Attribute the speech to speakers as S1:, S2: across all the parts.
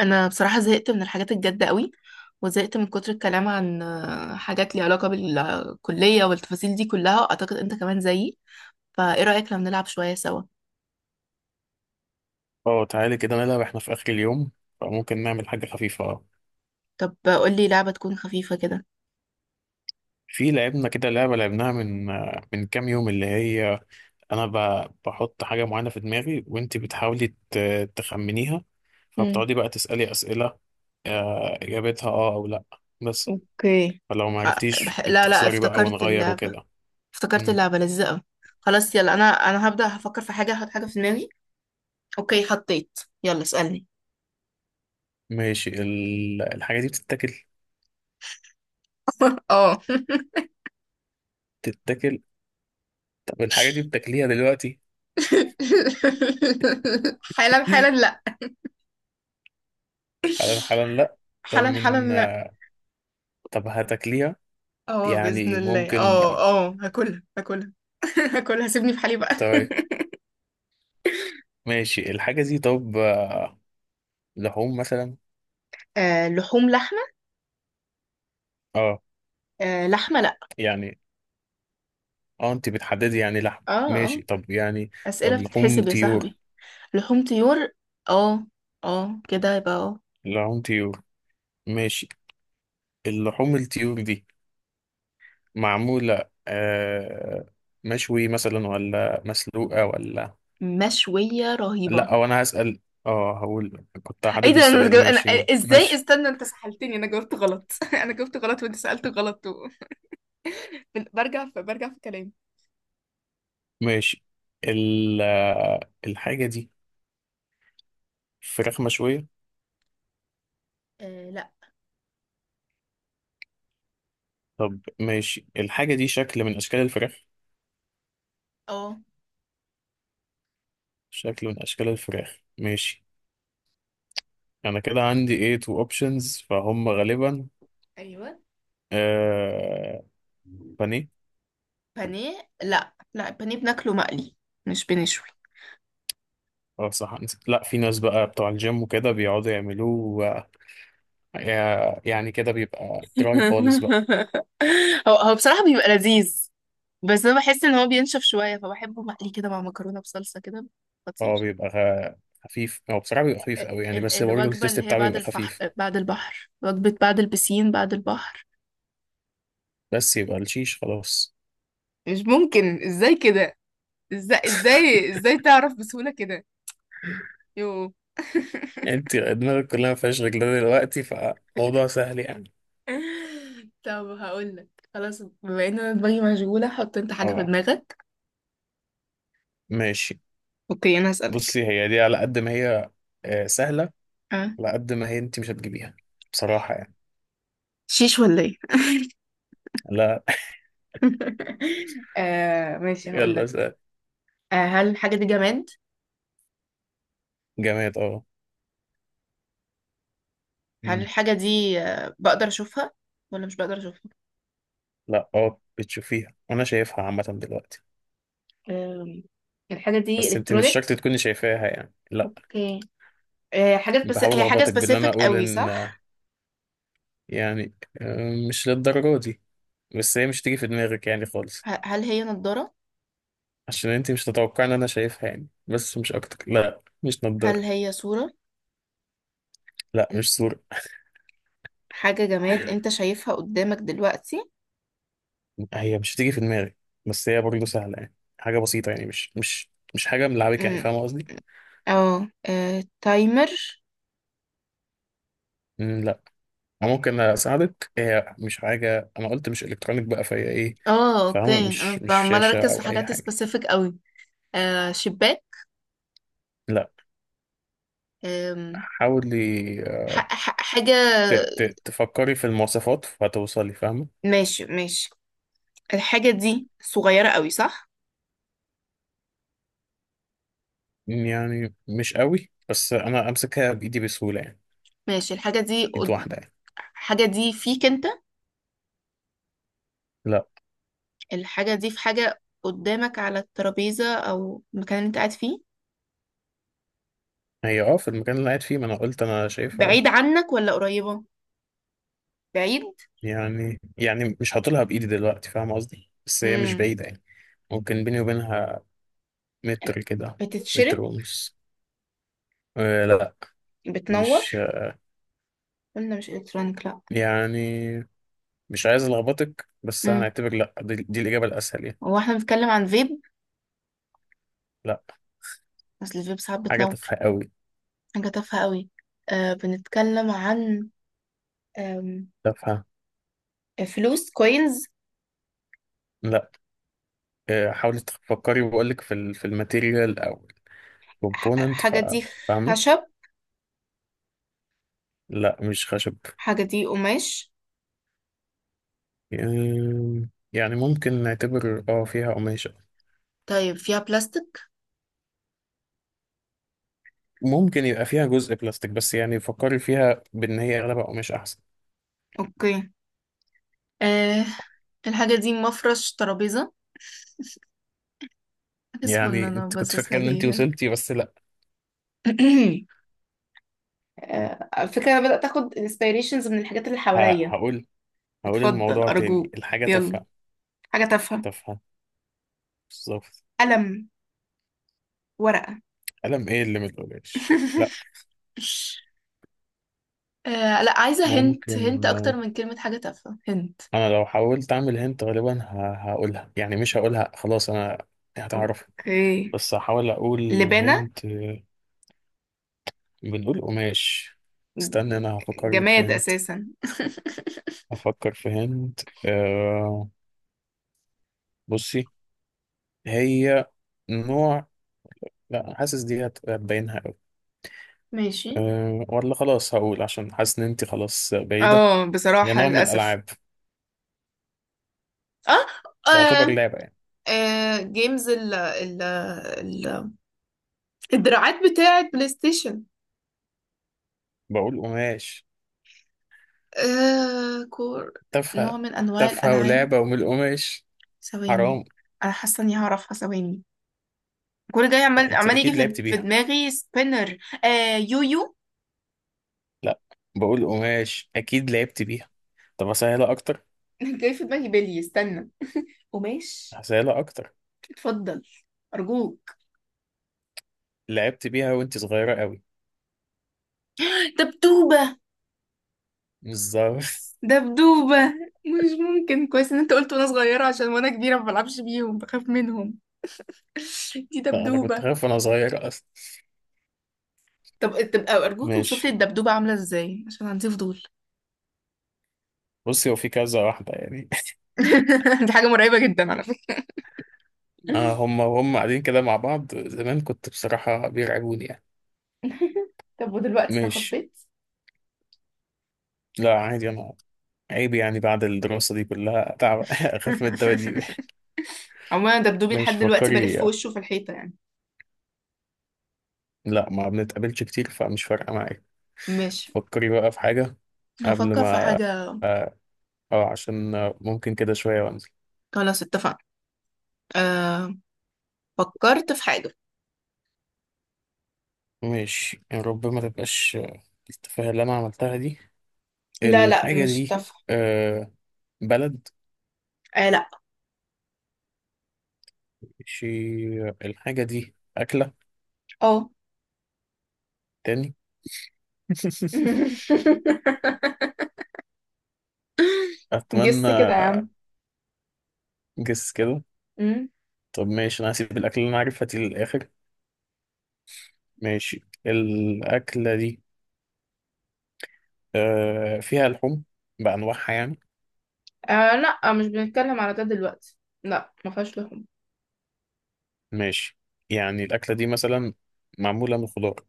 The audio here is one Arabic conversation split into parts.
S1: انا بصراحه زهقت من الحاجات الجد قوي، وزهقت من كتر الكلام عن حاجات ليها علاقه بالكليه والتفاصيل دي كلها. اعتقد انت كمان زيي، فايه رايك لو نلعب شويه سوا؟
S2: اه، تعالي كده نلعب احنا في اخر اليوم. فممكن نعمل حاجه خفيفه.
S1: طب قول لي لعبه تكون خفيفه كده.
S2: في لعبنا كده لعبه لعبناها من كام يوم، اللي هي انا بحط حاجه معينه في دماغي، وانت بتحاولي تخمنيها.
S1: امم
S2: فبتقعدي بقى تسالي اسئله، اجابتها اه او لا بس.
S1: اوكي.
S2: فلو ما
S1: خ...
S2: عرفتيش
S1: لا لا،
S2: بتخسري بقى،
S1: افتكرت
S2: ونغير
S1: اللعبه.
S2: وكده.
S1: افتكرت
S2: مم.
S1: اللعبه لذيذه قوي. خلاص يلا انا هبدا. هفكر في حاجه، هحط حاجه في دماغي. اوكي حطيت، يلا اسالني.
S2: ماشي، الحاجه دي بتتاكل؟
S1: اه.
S2: بتتاكل. طب الحاجه دي بتاكليها دلوقتي؟
S1: حالا حالا لا.
S2: حالا حالا لا. طب
S1: حالا
S2: من
S1: حالا.
S2: طب هتاكليها؟
S1: اه بإذن
S2: يعني
S1: الله
S2: ممكن؟
S1: اه. اه هاكلها هاكلها. هاكلها، سيبني في حالي بقى.
S2: طيب، ماشي، الحاجة دي طب لحوم مثلا؟
S1: آه لحوم، لحمة.
S2: اه.
S1: آه لحمة لأ.
S2: يعني اه انت بتحددي يعني لحم،
S1: اه اه.
S2: ماشي، طب يعني
S1: أسئلة
S2: طب لحوم
S1: بتتحسب يا
S2: طيور؟
S1: صاحبي. لحوم طيور. اه اه كده، يبقى اه.
S2: لحوم طيور، ماشي. اللحوم الطيور دي معمولة مشوي مثلا ولا مسلوقة ولا؟
S1: مشوية رهيبة.
S2: لا وانا هسأل. اه هقول كنت
S1: ايه
S2: هحدد
S1: ده؟
S2: السؤال،
S1: انا
S2: ماشي
S1: ازاي؟
S2: ماشي.
S1: استنى، انت سحلتني، انا جاوبت غلط. انا جاوبت غلط وانت سألت غلط. برجع في كلامي.
S2: ماشي، ال... آه، الحاجة دي فراخ مشوية؟
S1: آه لا.
S2: طب ماشي، الحاجة دي شكل من أشكال الفراخ؟
S1: اه
S2: شكل من أشكال الفراخ، ماشي. أنا كده عندي إيه تو أوبشنز فهم غالبا.
S1: ايوه.
S2: آه بانيه.
S1: بانيه؟ لا لا، البانيه بناكله مقلي، مش بنشوي.
S2: أه صح، نسيت. لا في ناس بقى بتوع الجيم وكده بيقعدوا يعملوه. يعني كده بيبقى دراي خالص بقى.
S1: هو بصراحة بيبقى لذيذ. بس أنا بحس إن هو بينشف شوية، فبحبه مقلي كده مع مكرونة بصلصة كده. خطير.
S2: هو بيبقى خفيف، هو بصراحة بيبقى خفيف قوي يعني، بس برضه
S1: الوجبة
S2: التيست
S1: اللي هي
S2: بتاعه
S1: بعد
S2: بيبقى خفيف.
S1: بعد البحر، وجبة بعد البسين بعد البحر.
S2: بس يبقى الشيش خلاص.
S1: مش ممكن، ازاي كده؟ ازاي ازاي ازاي تعرف بسهولة كده؟ يو.
S2: انت دماغك كلها ما فيهاش غير ده دلوقتي فموضوع سهل يعني.
S1: طب هقولك. خلاص، بما ان انا دماغي مشغولة، حط انت حاجة في
S2: اه
S1: دماغك.
S2: ماشي.
S1: اوكي انا هسألك.
S2: بصي هي دي على قد ما هي سهلة،
S1: أه.
S2: على قد ما هي انت مش هتجيبيها بصراحة يعني.
S1: شيش ولا ايه؟
S2: لا.
S1: آه ماشي،
S2: يلا
S1: هقولك.
S2: سهل.
S1: هل الحاجة دي جماد؟
S2: جماد اه.
S1: هل
S2: مم.
S1: الحاجة دي بقدر أشوفها ولا مش بقدر أشوفها؟
S2: لا اه بتشوفيها، انا شايفها عامة دلوقتي.
S1: أم، الحاجة دي
S2: بس انت مش شرط
S1: إلكترونيك؟
S2: تكوني شايفاها يعني، لا.
S1: اوكي. حاجات، بس
S2: بحاول
S1: هي حاجة
S2: اخبطك بان انا
S1: سبيسيفيك
S2: اقول
S1: قوي
S2: ان
S1: صح؟
S2: يعني مش للدرجة دي، بس هي مش تيجي في دماغك يعني خالص.
S1: هل هي نضارة؟
S2: عشان انت مش تتوقع ان انا شايفها يعني، بس مش اكتر، لا مش
S1: هل
S2: نضارة.
S1: هي صورة؟
S2: لا مش صورة.
S1: حاجة جماد أنت شايفها قدامك دلوقتي؟
S2: هي مش هتيجي في دماغي، بس هي برضه سهلة يعني، حاجة بسيطة يعني، مش حاجة ملعبكة يعني،
S1: أمم،
S2: فاهم قصدي؟
S1: اه تايمر؟
S2: مم، لا. أنا ممكن أساعدك، هي مش حاجة، أنا قلت مش إلكترونيك بقى فهي إيه.
S1: اه
S2: فاهمة
S1: اوكي،
S2: مش
S1: انا
S2: مش
S1: عمالة
S2: شاشة
S1: اركز في
S2: أو أي
S1: حاجات
S2: حاجة،
S1: سبيسيفيك قوي. شباك؟
S2: لا.
S1: آم،
S2: حاولي
S1: حاجة.
S2: تفكري في المواصفات فهتوصلي، فاهمة؟
S1: ماشي ماشي. الحاجة دي صغيرة قوي صح؟
S2: مم، يعني مش قوي، بس أنا أمسكها بإيدي بسهولة يعني،
S1: ماشي،
S2: إيد واحدة يعني.
S1: الحاجة دي فيك انت؟
S2: لا.
S1: الحاجة دي في حاجة قدامك على الترابيزة أو المكان اللي انت قاعد فيه؟
S2: هي أه في المكان اللي قاعد فيه، ما أنا قلت أنا شايفها أه.
S1: بعيد عنك ولا قريبة؟ بعيد.
S2: يعني مش هطولها بإيدي دلوقتي، فاهم قصدي، بس هي مش
S1: مم.
S2: بعيدة يعني، ممكن بيني وبينها متر كده، متر
S1: بتتشرب؟
S2: ونص. آه لا
S1: بتنور؟
S2: مش
S1: قلنا مش الكترونيك لا.
S2: يعني. مش عايز ألخبطك بس
S1: امم
S2: هنعتبر لا، دي الإجابة الأسهل يعني.
S1: هو احنا بنتكلم عن فيب؟
S2: لا.
S1: اصل الفيب ساعات
S2: حاجة
S1: بتنور.
S2: تافهة قوي.
S1: حاجة تافهة قوي. آه بنتكلم عن آم،
S2: تافهة.
S1: فلوس كوينز؟
S2: لا. آه حاولي تفكري، وبقولك في في الماتيريال أو الكومبوننت،
S1: حاجة دي
S2: فاهمة؟
S1: خشب؟
S2: لا مش خشب.
S1: حاجة دي قماش؟
S2: آم، يعني ممكن نعتبر اه فيها قماش.
S1: طيب فيها بلاستيك؟
S2: ممكن يبقى فيها جزء بلاستيك، بس يعني فكري فيها بان هي اغلبها قماش احسن.
S1: اوكي. آه الحاجة دي مفرش ترابيزة، حاجة
S2: يعني
S1: صغننة
S2: انت كنت
S1: باصص
S2: فاكره ان انت
S1: عليها.
S2: وصلتي، بس لا.
S1: آه، على فكرة أنا بدأت أخد inspirations من الحاجات اللي حواليا.
S2: هقول، هقول
S1: اتفضل
S2: الموضوع تاني،
S1: أرجوك
S2: الحاجه
S1: يلا.
S2: تافهه.
S1: حاجة تافهة.
S2: تافهه بالظبط.
S1: قلم. ورقة.
S2: قلم ايه اللي من القماش، لا.
S1: آه لا، عايزة هنت هنت
S2: ممكن
S1: أكتر من كلمة حاجة تافهة. هنت.
S2: انا لو حاولت اعمل هنت غالبا هقولها يعني، مش هقولها، خلاص انا هتعرف.
S1: اوكي.
S2: بس هحاول اقول
S1: لبانة.
S2: هنت بنقول قماش. استنى انا هفكر لك في
S1: جماد
S2: هنت.
S1: أساسا.
S2: هفكر في هنت. أه. بصي، هي نوع، لا حاسس دي هتبينها قوي.
S1: ماشي.
S2: أه ولا خلاص، هقول عشان حاسس ان انت خلاص بعيدة.
S1: اه
S2: هي
S1: بصراحة
S2: نوع من
S1: للأسف.
S2: الالعاب.
S1: اه،
S2: تعتبر
S1: آه.
S2: لعبة يعني.
S1: آه. جيمز الدراعات بتاعة بلاي ستيشن.
S2: بقول قماش.
S1: آه كور. نوع
S2: تافهة.
S1: من أنواع
S2: تافهة
S1: الألعاب.
S2: ولعبة ومن القماش.
S1: ثواني.
S2: حرام.
S1: أنا حاسة إني هعرفها، ثواني. كل جاي،
S2: لا
S1: عمال
S2: انت
S1: عمال يجي
S2: اكيد
S1: في
S2: لعبت
S1: في
S2: بيها.
S1: دماغي سبينر. آه يويو.
S2: لا بقول قماش اكيد لعبت بيها. طب اسهلها اكتر.
S1: جاي في دماغي بلي. استنى. قماش.
S2: اسهلها اكتر.
S1: اتفضل أرجوك.
S2: لعبت بيها وانت صغيرة قوي.
S1: دبدوبة.
S2: بالظبط.
S1: دبدوبة. مش ممكن، كويس إن أنت قلت وأنا صغيرة، عشان وأنا كبيرة ما بلعبش بيهم، بخاف منهم. دي
S2: لا انا كنت
S1: دبدوبة.
S2: خايف وانا صغير اصلا.
S1: طب طب أرجوك،
S2: ماشي،
S1: اوصفلي الدبدوبة عاملة إزاي عشان عندي فضول.
S2: بصي هو في كذا واحدة يعني.
S1: دي حاجة مرعبة جدا على فكرة.
S2: آه هم وهم قاعدين كده مع بعض، زمان كنت بصراحة بيرعبوني يعني.
S1: طب ودلوقتي
S2: ماشي.
S1: تخطيت؟
S2: لا عادي أنا. عيب يعني بعد الدراسة دي كلها تعب أخاف من الدواديب
S1: عموما أنا دبدوبي لحد
S2: ماشي
S1: دلوقتي
S2: فكري.
S1: بلف وشه في الحيطة يعني.
S2: لا ما بنتقابلش كتير فمش فارقة معايا.
S1: ماشي،
S2: فكري بقى في حاجة قبل
S1: هفكر في
S2: ما.
S1: حاجة.
S2: اه عشان ممكن كده شوية وانزل.
S1: خلاص اتفقنا. أه... فكرت في حاجة.
S2: ماشي يا رب ما تبقاش التفاهة اللي أنا عملتها دي.
S1: لا لا
S2: الحاجة
S1: مش
S2: دي
S1: تافهة.
S2: آه بلد؟
S1: أه لا.
S2: ماشي، الحاجة دي أكلة
S1: اه.
S2: تاني؟ اتمنى.
S1: جس كده يا عم.
S2: جس كده.
S1: أمم.
S2: طب ماشي، انا هسيب الاكل اللي انا عارفها دي للاخر. ماشي الاكله دي آه فيها لحوم بانواعها يعني؟
S1: أه لا، مش بنتكلم على ده دلوقتي. لا ما فيهاش لحوم.
S2: ماشي. يعني الاكله دي مثلا معموله من خضار؟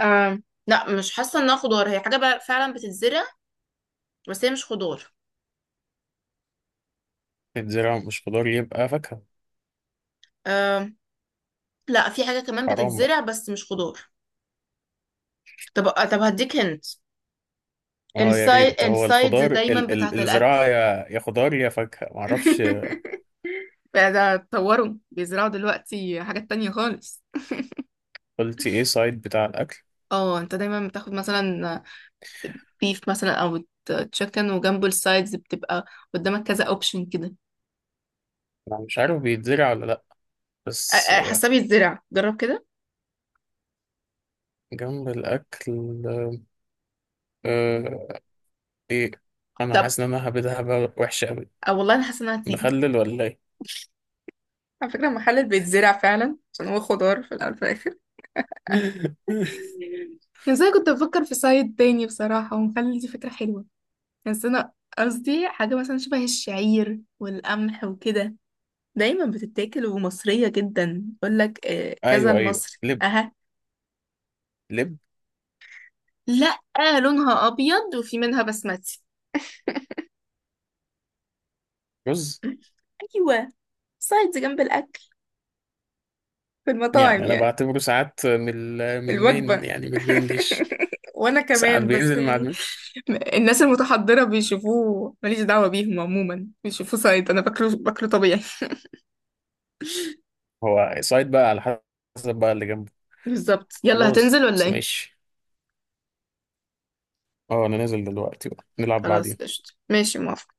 S1: أه لا، مش حاسة انها خضار، هي حاجة بقى فعلا بتتزرع، بس هي مش خضار.
S2: الزراعه مش خضار يبقى فاكهه.
S1: آم، لا، في حاجة كمان
S2: حرام بقى.
S1: بتتزرع بس مش خضار. طب طب هديك هنت.
S2: اه يا
S1: السايد،
S2: ريت، هو
S1: السايدز
S2: الخضار
S1: دايما
S2: ال
S1: بتاعت الأكل.
S2: الزراعه يا خضار يا فاكهه معرفش.
S1: بقى ده اتطوروا بيزرعوا دلوقتي حاجات تانية خالص.
S2: قلتي ايه سايد بتاع الاكل؟
S1: اه، انت دايما بتاخد مثلا بيف مثلا او تشيكن، وجنبه السايدز بتبقى قدامك كذا اوبشن كده.
S2: انا مش عارف بيتزرع ولا لا، بس
S1: حاسة بيتزرع، جرب كده.
S2: جنب الاكل آه، ايه، انا
S1: طب.
S2: حاسس ان انا هبدها بقى وحشه قوي.
S1: أه والله انا حاسة انها هتيجي.
S2: مخلل ولا ايه؟
S1: على فكرة المحل بيتزرع فعلا، عشان هو خضار في الأول وفي الآخر. ازاي كنت بفكر في سايد تاني بصراحة، ومخلي دي فكرة حلوة. بس انا قصدي حاجة مثلا شبه الشعير والقمح وكده، دايما بتتاكل ومصرية جدا. يقولك كذا
S2: ايوه ايوه
S1: المصري
S2: لب.
S1: اها.
S2: لب.
S1: لا، لونها ابيض وفي منها بسمتي.
S2: رز.
S1: ايوه. سايدز جنب الاكل في المطاعم
S2: يعني انا
S1: يعني.
S2: بعتبره ساعات من من المين،
S1: الوجبة.
S2: يعني من المين ديش.
S1: وانا
S2: ساعات
S1: كمان، بس
S2: بينزل مع
S1: يعني
S2: المين.
S1: الناس المتحضرة بيشوفوه، ماليش دعوة بيهم، عموما بيشوفوه سايد، انا باكله باكله طبيعي.
S2: هو سايد بقى على حسب بقى اللي جنبه.
S1: بالظبط. يلا
S2: خلاص،
S1: هتنزل ولا ايه؟
S2: ماشي، اه انا نازل دلوقتي بقى نلعب
S1: خلاص
S2: بعدين.
S1: قشطة، ماشي، موافقة.